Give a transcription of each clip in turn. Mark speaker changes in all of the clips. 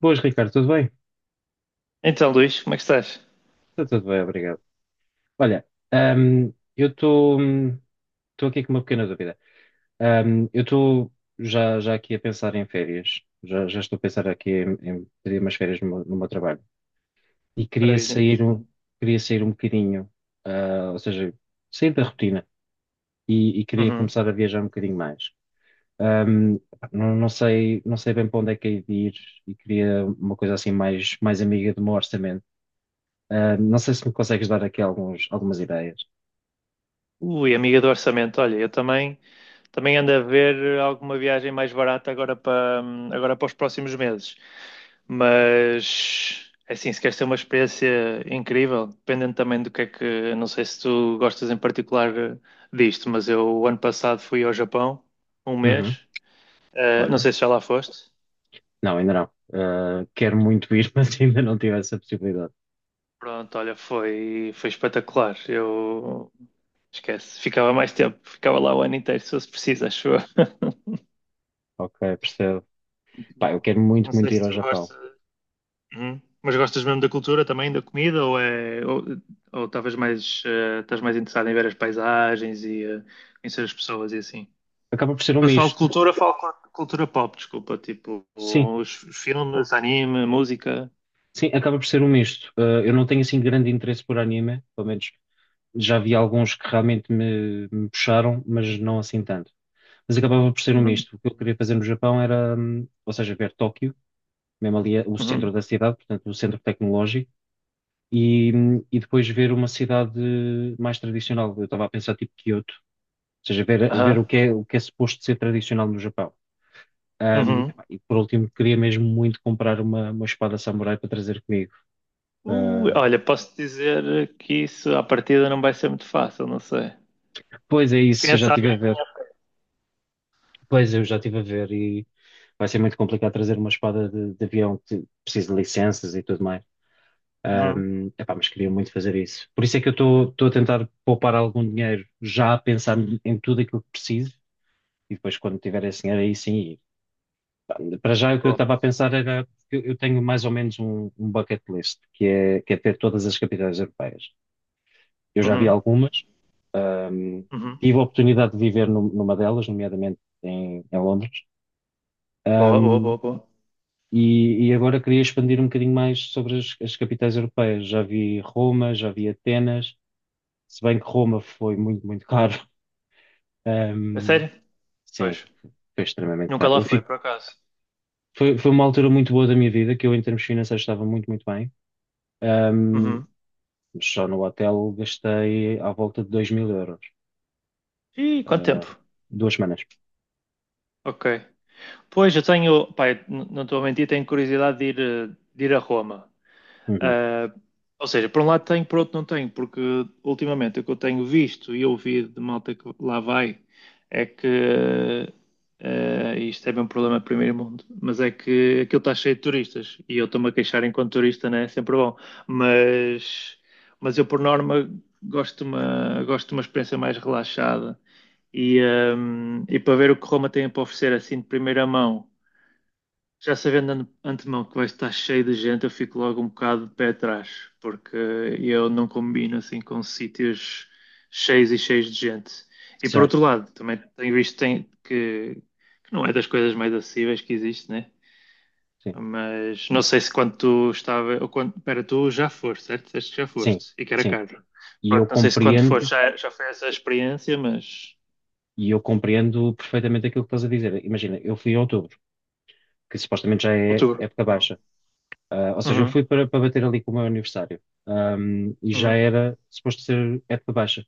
Speaker 1: Boas, Ricardo, tudo bem?
Speaker 2: Então, Luís, como é que estás?
Speaker 1: Está tudo bem, obrigado. Olha, ahm, eu estou estou aqui com uma pequena dúvida. Eu estou já aqui a pensar em férias, já estou a pensar aqui em pedir umas férias no meu trabalho e
Speaker 2: Maravilha.
Speaker 1: queria sair um bocadinho, ou seja, sair da rotina e queria
Speaker 2: Uhum.
Speaker 1: começar a viajar um bocadinho mais. Ahm, não sei bem para onde é que hei de ir e queria uma coisa assim mais amiga do meu orçamento. Não sei se me consegues dar aqui algumas ideias.
Speaker 2: Ui, amiga do orçamento, olha, eu também ando a ver alguma viagem mais barata agora para os próximos meses. Mas, é assim, se queres ter uma experiência incrível, dependendo também do que é que, não sei se tu gostas em particular disto, mas eu, o ano passado, fui ao Japão, um
Speaker 1: Uhum.
Speaker 2: mês. Não
Speaker 1: Olha,
Speaker 2: sei se já lá foste.
Speaker 1: não, ainda não. Quero muito ir, mas ainda não tive essa possibilidade.
Speaker 2: Pronto, olha, foi espetacular. Eu Esquece. Ficava mais tempo. Ficava lá o ano inteiro, se fosse preciso, acho eu.
Speaker 1: Ok, percebo. Pá, eu quero
Speaker 2: Não
Speaker 1: muito,
Speaker 2: sei
Speaker 1: muito ir
Speaker 2: se
Speaker 1: ao
Speaker 2: tu
Speaker 1: Japão.
Speaker 2: gostas. Uhum. Mas gostas mesmo da cultura também, da comida, ou é ou estavas mais, estás mais interessado em ver as paisagens e em as pessoas e assim?
Speaker 1: Acaba por ser um
Speaker 2: Quando falo de
Speaker 1: misto.
Speaker 2: cultura, falo cultura pop, desculpa, tipo
Speaker 1: Sim,
Speaker 2: os filmes, anime, música.
Speaker 1: sim, acaba por ser um misto. Eu não tenho assim grande interesse por anime, pelo menos já vi alguns que realmente me puxaram, mas não assim tanto. Mas acabava por ser um
Speaker 2: Uhum.
Speaker 1: misto. O que eu queria fazer no Japão era, ou seja, ver Tóquio, mesmo ali o
Speaker 2: Uhum.
Speaker 1: centro da cidade, portanto, o centro tecnológico e, e depois ver uma cidade mais tradicional. Eu estava a pensar tipo Kyoto, ou seja, ver
Speaker 2: Aham.
Speaker 1: o que é suposto ser tradicional no Japão. Ahm,
Speaker 2: Uhum.
Speaker 1: epá, e por último, queria mesmo muito comprar uma espada samurai para trazer comigo. Ah,
Speaker 2: Olha, posso dizer que isso à partida não vai ser muito fácil, não sei.
Speaker 1: pois é isso, eu já
Speaker 2: Conhece
Speaker 1: estive a
Speaker 2: alguém?
Speaker 1: ver. Pois eu já estive a ver e vai ser muito complicado trazer uma espada de avião que precisa de licenças e tudo mais.
Speaker 2: Uhum.
Speaker 1: Epá, mas queria muito fazer isso. Por isso é que eu estou a tentar poupar algum dinheiro, já a pensar em tudo aquilo que preciso, e depois quando tiver esse dinheiro aí sim. Para já, o que eu
Speaker 2: Boa.
Speaker 1: estava a pensar era, eu tenho mais ou menos um bucket list, que é ter todas as capitais europeias. Eu já vi
Speaker 2: Uhum.
Speaker 1: algumas, hum,
Speaker 2: Uhum.
Speaker 1: tive a oportunidade de viver numa delas, nomeadamente em Londres.
Speaker 2: Boa, boa,
Speaker 1: Ahm,
Speaker 2: boa, boa.
Speaker 1: e, agora queria expandir um bocadinho mais sobre as capitais europeias. Já vi Roma, já vi Atenas, se bem que Roma foi muito, muito caro.
Speaker 2: É
Speaker 1: Ahm,
Speaker 2: sério? Pois.
Speaker 1: sim, foi extremamente
Speaker 2: Nunca
Speaker 1: caro.
Speaker 2: lá
Speaker 1: Eu
Speaker 2: fui,
Speaker 1: fico,
Speaker 2: por acaso.
Speaker 1: foi, foi uma altura muito boa da minha vida, que eu, em termos financeiros, estava muito, muito bem. Ahm,
Speaker 2: Uhum.
Speaker 1: Mas só no hotel gastei à volta de 2000 euros.
Speaker 2: Ih, quanto
Speaker 1: ah,
Speaker 2: tempo?
Speaker 1: 2 semanas.
Speaker 2: Ok. Pois, eu tenho. Pai, não estou a mentir, tenho curiosidade de ir a Roma.
Speaker 1: Uhum.
Speaker 2: Ah, ou seja, por um lado tenho, por outro não tenho, porque ultimamente o que eu tenho visto e ouvido de malta que lá vai é que, isto é bem um problema de primeiro mundo, mas é que aquilo está cheio de turistas e eu estou-me a queixar enquanto turista, né? É sempre bom, mas, mas eu por norma gosto de uma experiência mais relaxada. E, ah, e para ver o que Roma tem para oferecer assim de primeira mão já sabendo antemão que vai estar cheio de gente, eu fico logo um bocado de pé atrás, porque eu não combino assim com sítios cheios e cheios de gente. E por outro
Speaker 1: Certo.
Speaker 2: lado, também tenho visto que não é das coisas mais acessíveis que existe, né?
Speaker 1: Sim.
Speaker 2: Mas não sei se quando tu estava, ou quando, pera, tu já foste, certo? Disseste que já
Speaker 1: Sim.
Speaker 2: foste e que era
Speaker 1: Sim.
Speaker 2: caro.
Speaker 1: E
Speaker 2: Pronto,
Speaker 1: eu
Speaker 2: não sei se quando foste
Speaker 1: compreendo,
Speaker 2: já foi essa experiência, mas
Speaker 1: e eu compreendo perfeitamente aquilo que estás a dizer. Imagina, eu fui em outubro, que supostamente já é
Speaker 2: outubro.
Speaker 1: época baixa. Ou seja, eu
Speaker 2: Uhum,
Speaker 1: fui para bater ali com o meu aniversário. E já
Speaker 2: uhum,
Speaker 1: era suposto ser época baixa.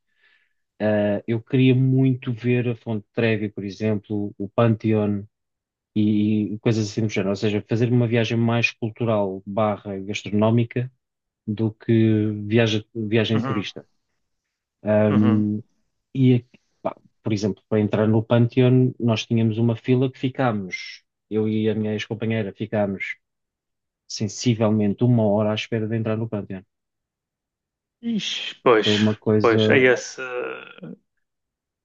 Speaker 1: Eu queria muito ver a Fonte Trevi, por exemplo, o Pantheon, e coisas assim do género. Ou seja, fazer uma viagem mais cultural barra gastronómica do que viagem
Speaker 2: uhum,
Speaker 1: turista.
Speaker 2: uhum.
Speaker 1: Ahm, e, aqui, por exemplo, para entrar no Pantheon, nós tínhamos uma fila que ficámos, eu e a minha ex-companheira ficámos sensivelmente 1 hora à espera de entrar no Pantheon.
Speaker 2: Ixi, pois,
Speaker 1: Foi uma
Speaker 2: pois, é
Speaker 1: coisa,
Speaker 2: esse.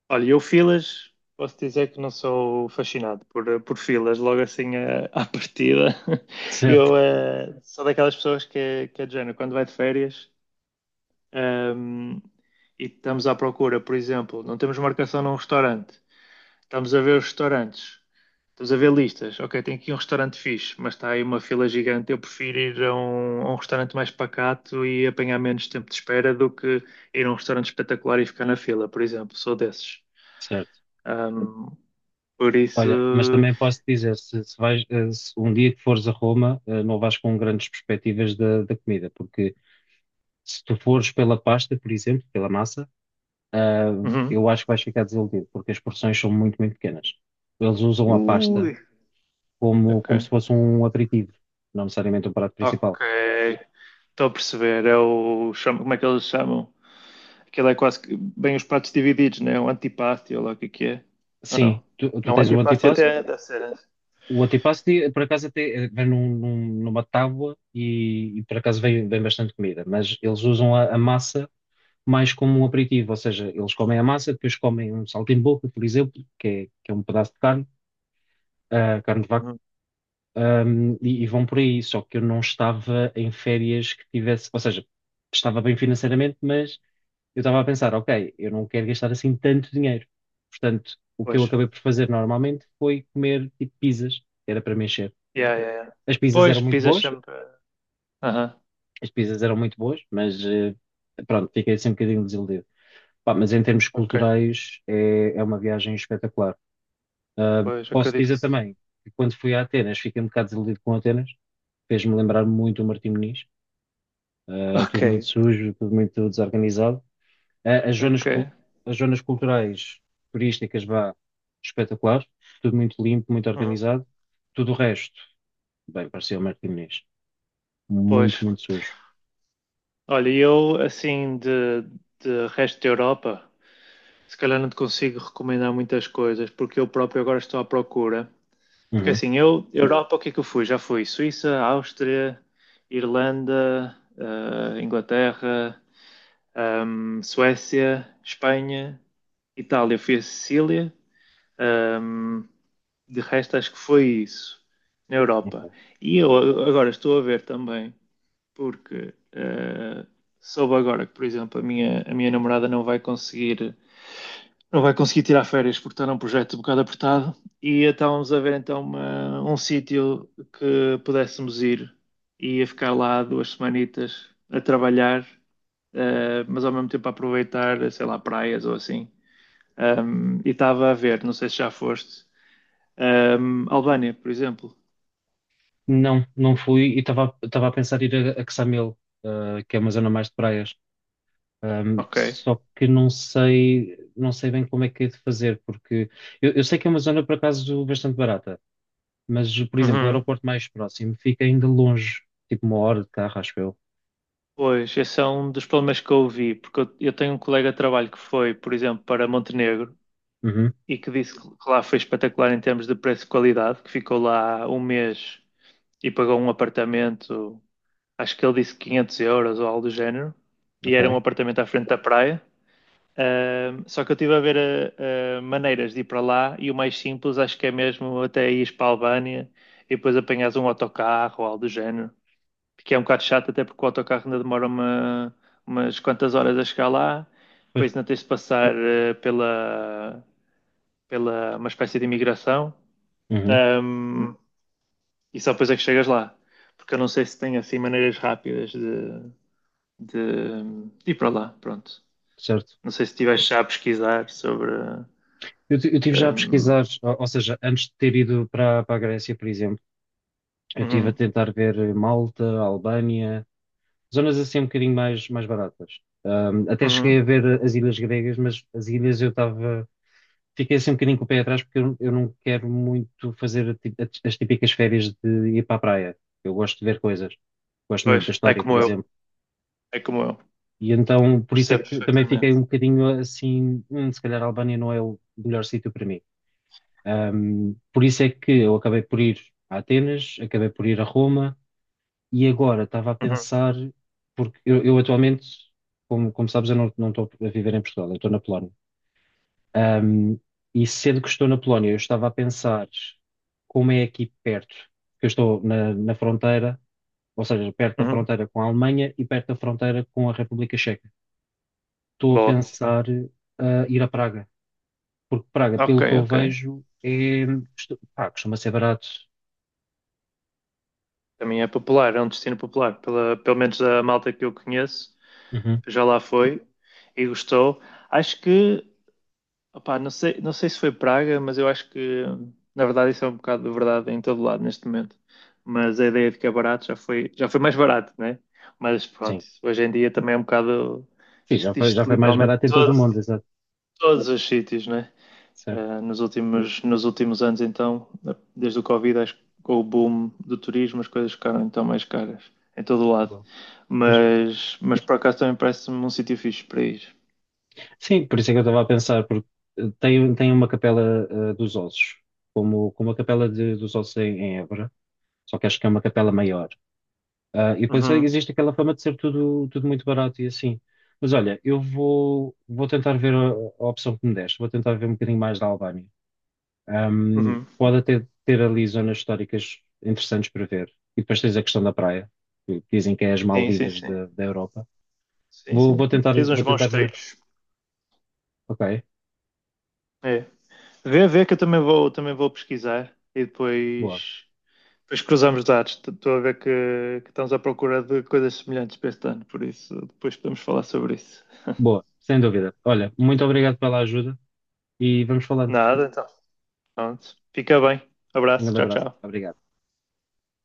Speaker 2: Olha, eu filas, posso dizer que não sou fascinado por filas, logo assim à partida.
Speaker 1: certo,
Speaker 2: Eu sou daquelas pessoas que é de género, quando vai de férias, ehm, e estamos à procura, por exemplo, não temos marcação num restaurante. Estamos a ver os restaurantes. Estamos a ver listas. Ok, tem aqui um restaurante fixe, mas está aí uma fila gigante. Eu prefiro ir a um restaurante mais pacato e apanhar menos tempo de espera do que ir a um restaurante espetacular e ficar na fila, por exemplo. Sou desses.
Speaker 1: certo.
Speaker 2: Ahm, por
Speaker 1: Olha, mas
Speaker 2: isso.
Speaker 1: também posso dizer, se vais, eh, se um dia que fores a Roma, não vais com grandes perspectivas da comida, porque se tu fores pela pasta, por exemplo, pela massa, ah,
Speaker 2: Uhum.
Speaker 1: eu acho que vais ficar desiludido, porque as porções são muito, muito pequenas. Eles usam a pasta
Speaker 2: Ui.
Speaker 1: como,
Speaker 2: Ok.
Speaker 1: como se fosse um aperitivo, não necessariamente um prato
Speaker 2: Ok.
Speaker 1: principal.
Speaker 2: Estou a perceber. Como é que eles chamam? Aquilo é quase que bem os pratos divididos, né? O antipasti, ou lá o que é que é. Ou
Speaker 1: Sim,
Speaker 2: não?
Speaker 1: tu
Speaker 2: Não, o
Speaker 1: tens o
Speaker 2: antipasti
Speaker 1: antipasto.
Speaker 2: até deve ser.
Speaker 1: O antipasto, por acaso, até vem numa tábua e por acaso, vem bastante comida. Mas eles usam a massa mais como um aperitivo, ou seja, eles comem a massa, depois comem um saltimbocca, por exemplo, que é um pedaço de carne, carne de vaca.
Speaker 2: Hum.
Speaker 1: E vão por aí, só que eu não estava em férias que tivesse, ou seja, estava bem financeiramente, mas eu estava a pensar, ok, eu não quero gastar assim tanto dinheiro. Portanto, o que eu
Speaker 2: Pois.
Speaker 1: acabei por fazer normalmente foi comer tipo pizzas, era para me encher.
Speaker 2: Yeah, yeah, yeah.
Speaker 1: As pizzas eram
Speaker 2: Pois,
Speaker 1: muito
Speaker 2: pisas
Speaker 1: boas,
Speaker 2: sempre. Aham,
Speaker 1: as pizzas eram muito boas, mas pronto, fiquei assim um bocadinho desiludido. Pá, mas em termos
Speaker 2: ok.
Speaker 1: culturais é uma viagem espetacular. Ah,
Speaker 2: Pois,
Speaker 1: posso
Speaker 2: acredito que
Speaker 1: dizer
Speaker 2: sim.
Speaker 1: também que quando fui a Atenas fiquei um bocado desiludido com Atenas, fez-me lembrar muito o Martim Moniz,
Speaker 2: Ok,
Speaker 1: tudo muito sujo, tudo muito desorganizado. Eh, as zonas,
Speaker 2: ok.
Speaker 1: cul- as zonas culturais, turísticas, vá, espetacular, tudo muito limpo, muito
Speaker 2: Uhum.
Speaker 1: organizado. Tudo o resto, bem, parecia o Martim Moniz,
Speaker 2: Pois.
Speaker 1: muito, muito sujo.
Speaker 2: Olha, eu, assim, de resto da Europa, se calhar não te consigo recomendar muitas coisas, porque eu próprio agora estou à procura. Porque
Speaker 1: Uhum,
Speaker 2: assim, eu, Europa, o que é que eu fui? Já fui Suíça, Áustria, Irlanda, Inglaterra, Suécia, Espanha, Itália, fui a Sicília. ehm, de resto, acho que foi isso na Europa.
Speaker 1: ok.
Speaker 2: E eu agora estou a ver também, porque soube agora que, por exemplo, a minha namorada não vai conseguir tirar férias porque está num projeto um bocado apertado e estávamos a ver então um sítio que pudéssemos ir e ia ficar lá duas semanitas a trabalhar, mas ao mesmo tempo a aproveitar, sei lá, praias ou assim. E estava a ver, não sei se já foste, Albânia, por exemplo.
Speaker 1: Não, não fui e estava a pensar em ir a Quessamil, que é uma zona mais de praias. Ahm,
Speaker 2: Ok.
Speaker 1: só que não sei bem como é que é de fazer, porque eu sei que é uma zona, por acaso, bastante barata. Mas, por exemplo, o
Speaker 2: Uhum.
Speaker 1: aeroporto mais próximo fica ainda longe, tipo 1 hora de carro, acho eu.
Speaker 2: Pois, esse é um dos problemas que eu ouvi, porque eu tenho um colega de trabalho que foi, por exemplo, para Montenegro
Speaker 1: Uhum,
Speaker 2: e que disse que lá foi espetacular em termos de preço e qualidade, que ficou lá um mês e pagou um apartamento, acho que ele disse 500 € ou algo do género, e era um
Speaker 1: ok.
Speaker 2: apartamento à frente da praia. Só que eu estive a ver maneiras de ir para lá e o mais simples acho que é mesmo até ires para a Albânia e depois apanhas um autocarro ou algo do género, que é um bocado chato até porque o autocarro ainda demora umas quantas horas a chegar lá,
Speaker 1: Pois.
Speaker 2: depois ainda tens de passar pela uma espécie de imigração,
Speaker 1: Uhum,
Speaker 2: um, e só depois é que chegas lá. Porque eu não sei se tem assim maneiras rápidas de, de ir para lá, pronto.
Speaker 1: certo.
Speaker 2: Não sei se estiveste já a pesquisar sobre.
Speaker 1: Eu tive já a pesquisar,
Speaker 2: um,
Speaker 1: ou seja, antes de ter ido para a Grécia, por exemplo, eu tive a
Speaker 2: uhum,
Speaker 1: tentar ver Malta, Albânia, zonas assim um bocadinho mais baratas. Até cheguei
Speaker 2: uhum.
Speaker 1: a ver as ilhas gregas, mas as ilhas eu estava. Fiquei assim um bocadinho com o pé atrás porque eu não quero muito fazer as típicas férias de ir para a praia. Eu gosto de ver coisas. Gosto muito da
Speaker 2: Pois,
Speaker 1: história, por exemplo.
Speaker 2: é como eu,
Speaker 1: E então, por isso é
Speaker 2: percebo
Speaker 1: que também fiquei
Speaker 2: perfeitamente.
Speaker 1: um bocadinho assim: se calhar a Albânia não é o melhor sítio para mim". Por isso é que eu acabei por ir a Atenas, acabei por ir a Roma, e agora estava a
Speaker 2: Uhum,
Speaker 1: pensar, porque eu atualmente, como sabes, eu não estou a viver em Portugal, eu estou na Polónia. Ahm, e sendo que estou na Polónia, eu estava a pensar como é aqui perto, porque eu estou na fronteira, ou seja, perto da
Speaker 2: uhum.
Speaker 1: fronteira com a Alemanha e perto da fronteira com a República Checa. Estou a
Speaker 2: Boa.
Speaker 1: pensar ir a Praga, porque Praga,
Speaker 2: Ok,
Speaker 1: pelo que eu
Speaker 2: ok.
Speaker 1: vejo, pá, costuma ser barato.
Speaker 2: Também é popular, é um destino popular. Pelo menos a malta que eu conheço
Speaker 1: Uhum,
Speaker 2: já lá foi e gostou. Acho que Opá, não sei se foi praga, mas eu acho que, na verdade, isso é um bocado de verdade em todo lado neste momento. Mas a ideia de que é barato já foi mais barato, né? Mas pronto,
Speaker 1: sim.
Speaker 2: isso hoje em dia também é um bocado.
Speaker 1: Sim,
Speaker 2: Isso
Speaker 1: já foi, já
Speaker 2: diz-se
Speaker 1: foi mais
Speaker 2: literalmente de
Speaker 1: barato em todo o
Speaker 2: todos,
Speaker 1: mundo, exato.
Speaker 2: todos os sítios, né?
Speaker 1: Certo.
Speaker 2: Nos últimos anos, então, desde o Covid, acho que com o boom do turismo, as coisas ficaram então mais caras em todo o lado.
Speaker 1: Bom. Pois.
Speaker 2: Mas por acaso também parece-me um sítio fixe para ir.
Speaker 1: Sim, por isso é que eu estava a pensar, porque tem uma capela dos ossos, como a capela dos ossos em Évora, só que acho que é uma capela maior. E depois
Speaker 2: Uhum,
Speaker 1: existe aquela fama de ser tudo, tudo muito barato e assim. Mas olha, eu vou tentar ver a opção que me deste, vou tentar ver um bocadinho mais da Albânia. Um,
Speaker 2: uhum.
Speaker 1: pode até ter ali zonas históricas interessantes para ver. E depois tens a questão da praia, que dizem que é as
Speaker 2: Sim, sim,
Speaker 1: Maldivas
Speaker 2: sim.
Speaker 1: da Europa.
Speaker 2: Sim,
Speaker 1: Vou,
Speaker 2: sim.
Speaker 1: vou tentar,
Speaker 2: Tens uns
Speaker 1: vou
Speaker 2: bons
Speaker 1: tentar ver.
Speaker 2: treinos.
Speaker 1: Ok,
Speaker 2: É. Vê que eu também vou pesquisar e
Speaker 1: boa,
Speaker 2: depois cruzamos dados. Estou a ver que estamos à procura de coisas semelhantes para este ano, por isso depois podemos falar sobre isso.
Speaker 1: boa, sem dúvida. Olha, muito obrigado pela ajuda e vamos falando.
Speaker 2: Nada, então. Pronto. Fica bem.
Speaker 1: Um
Speaker 2: Abraço.
Speaker 1: grande
Speaker 2: Tchau,
Speaker 1: abraço.
Speaker 2: tchau.
Speaker 1: Obrigado.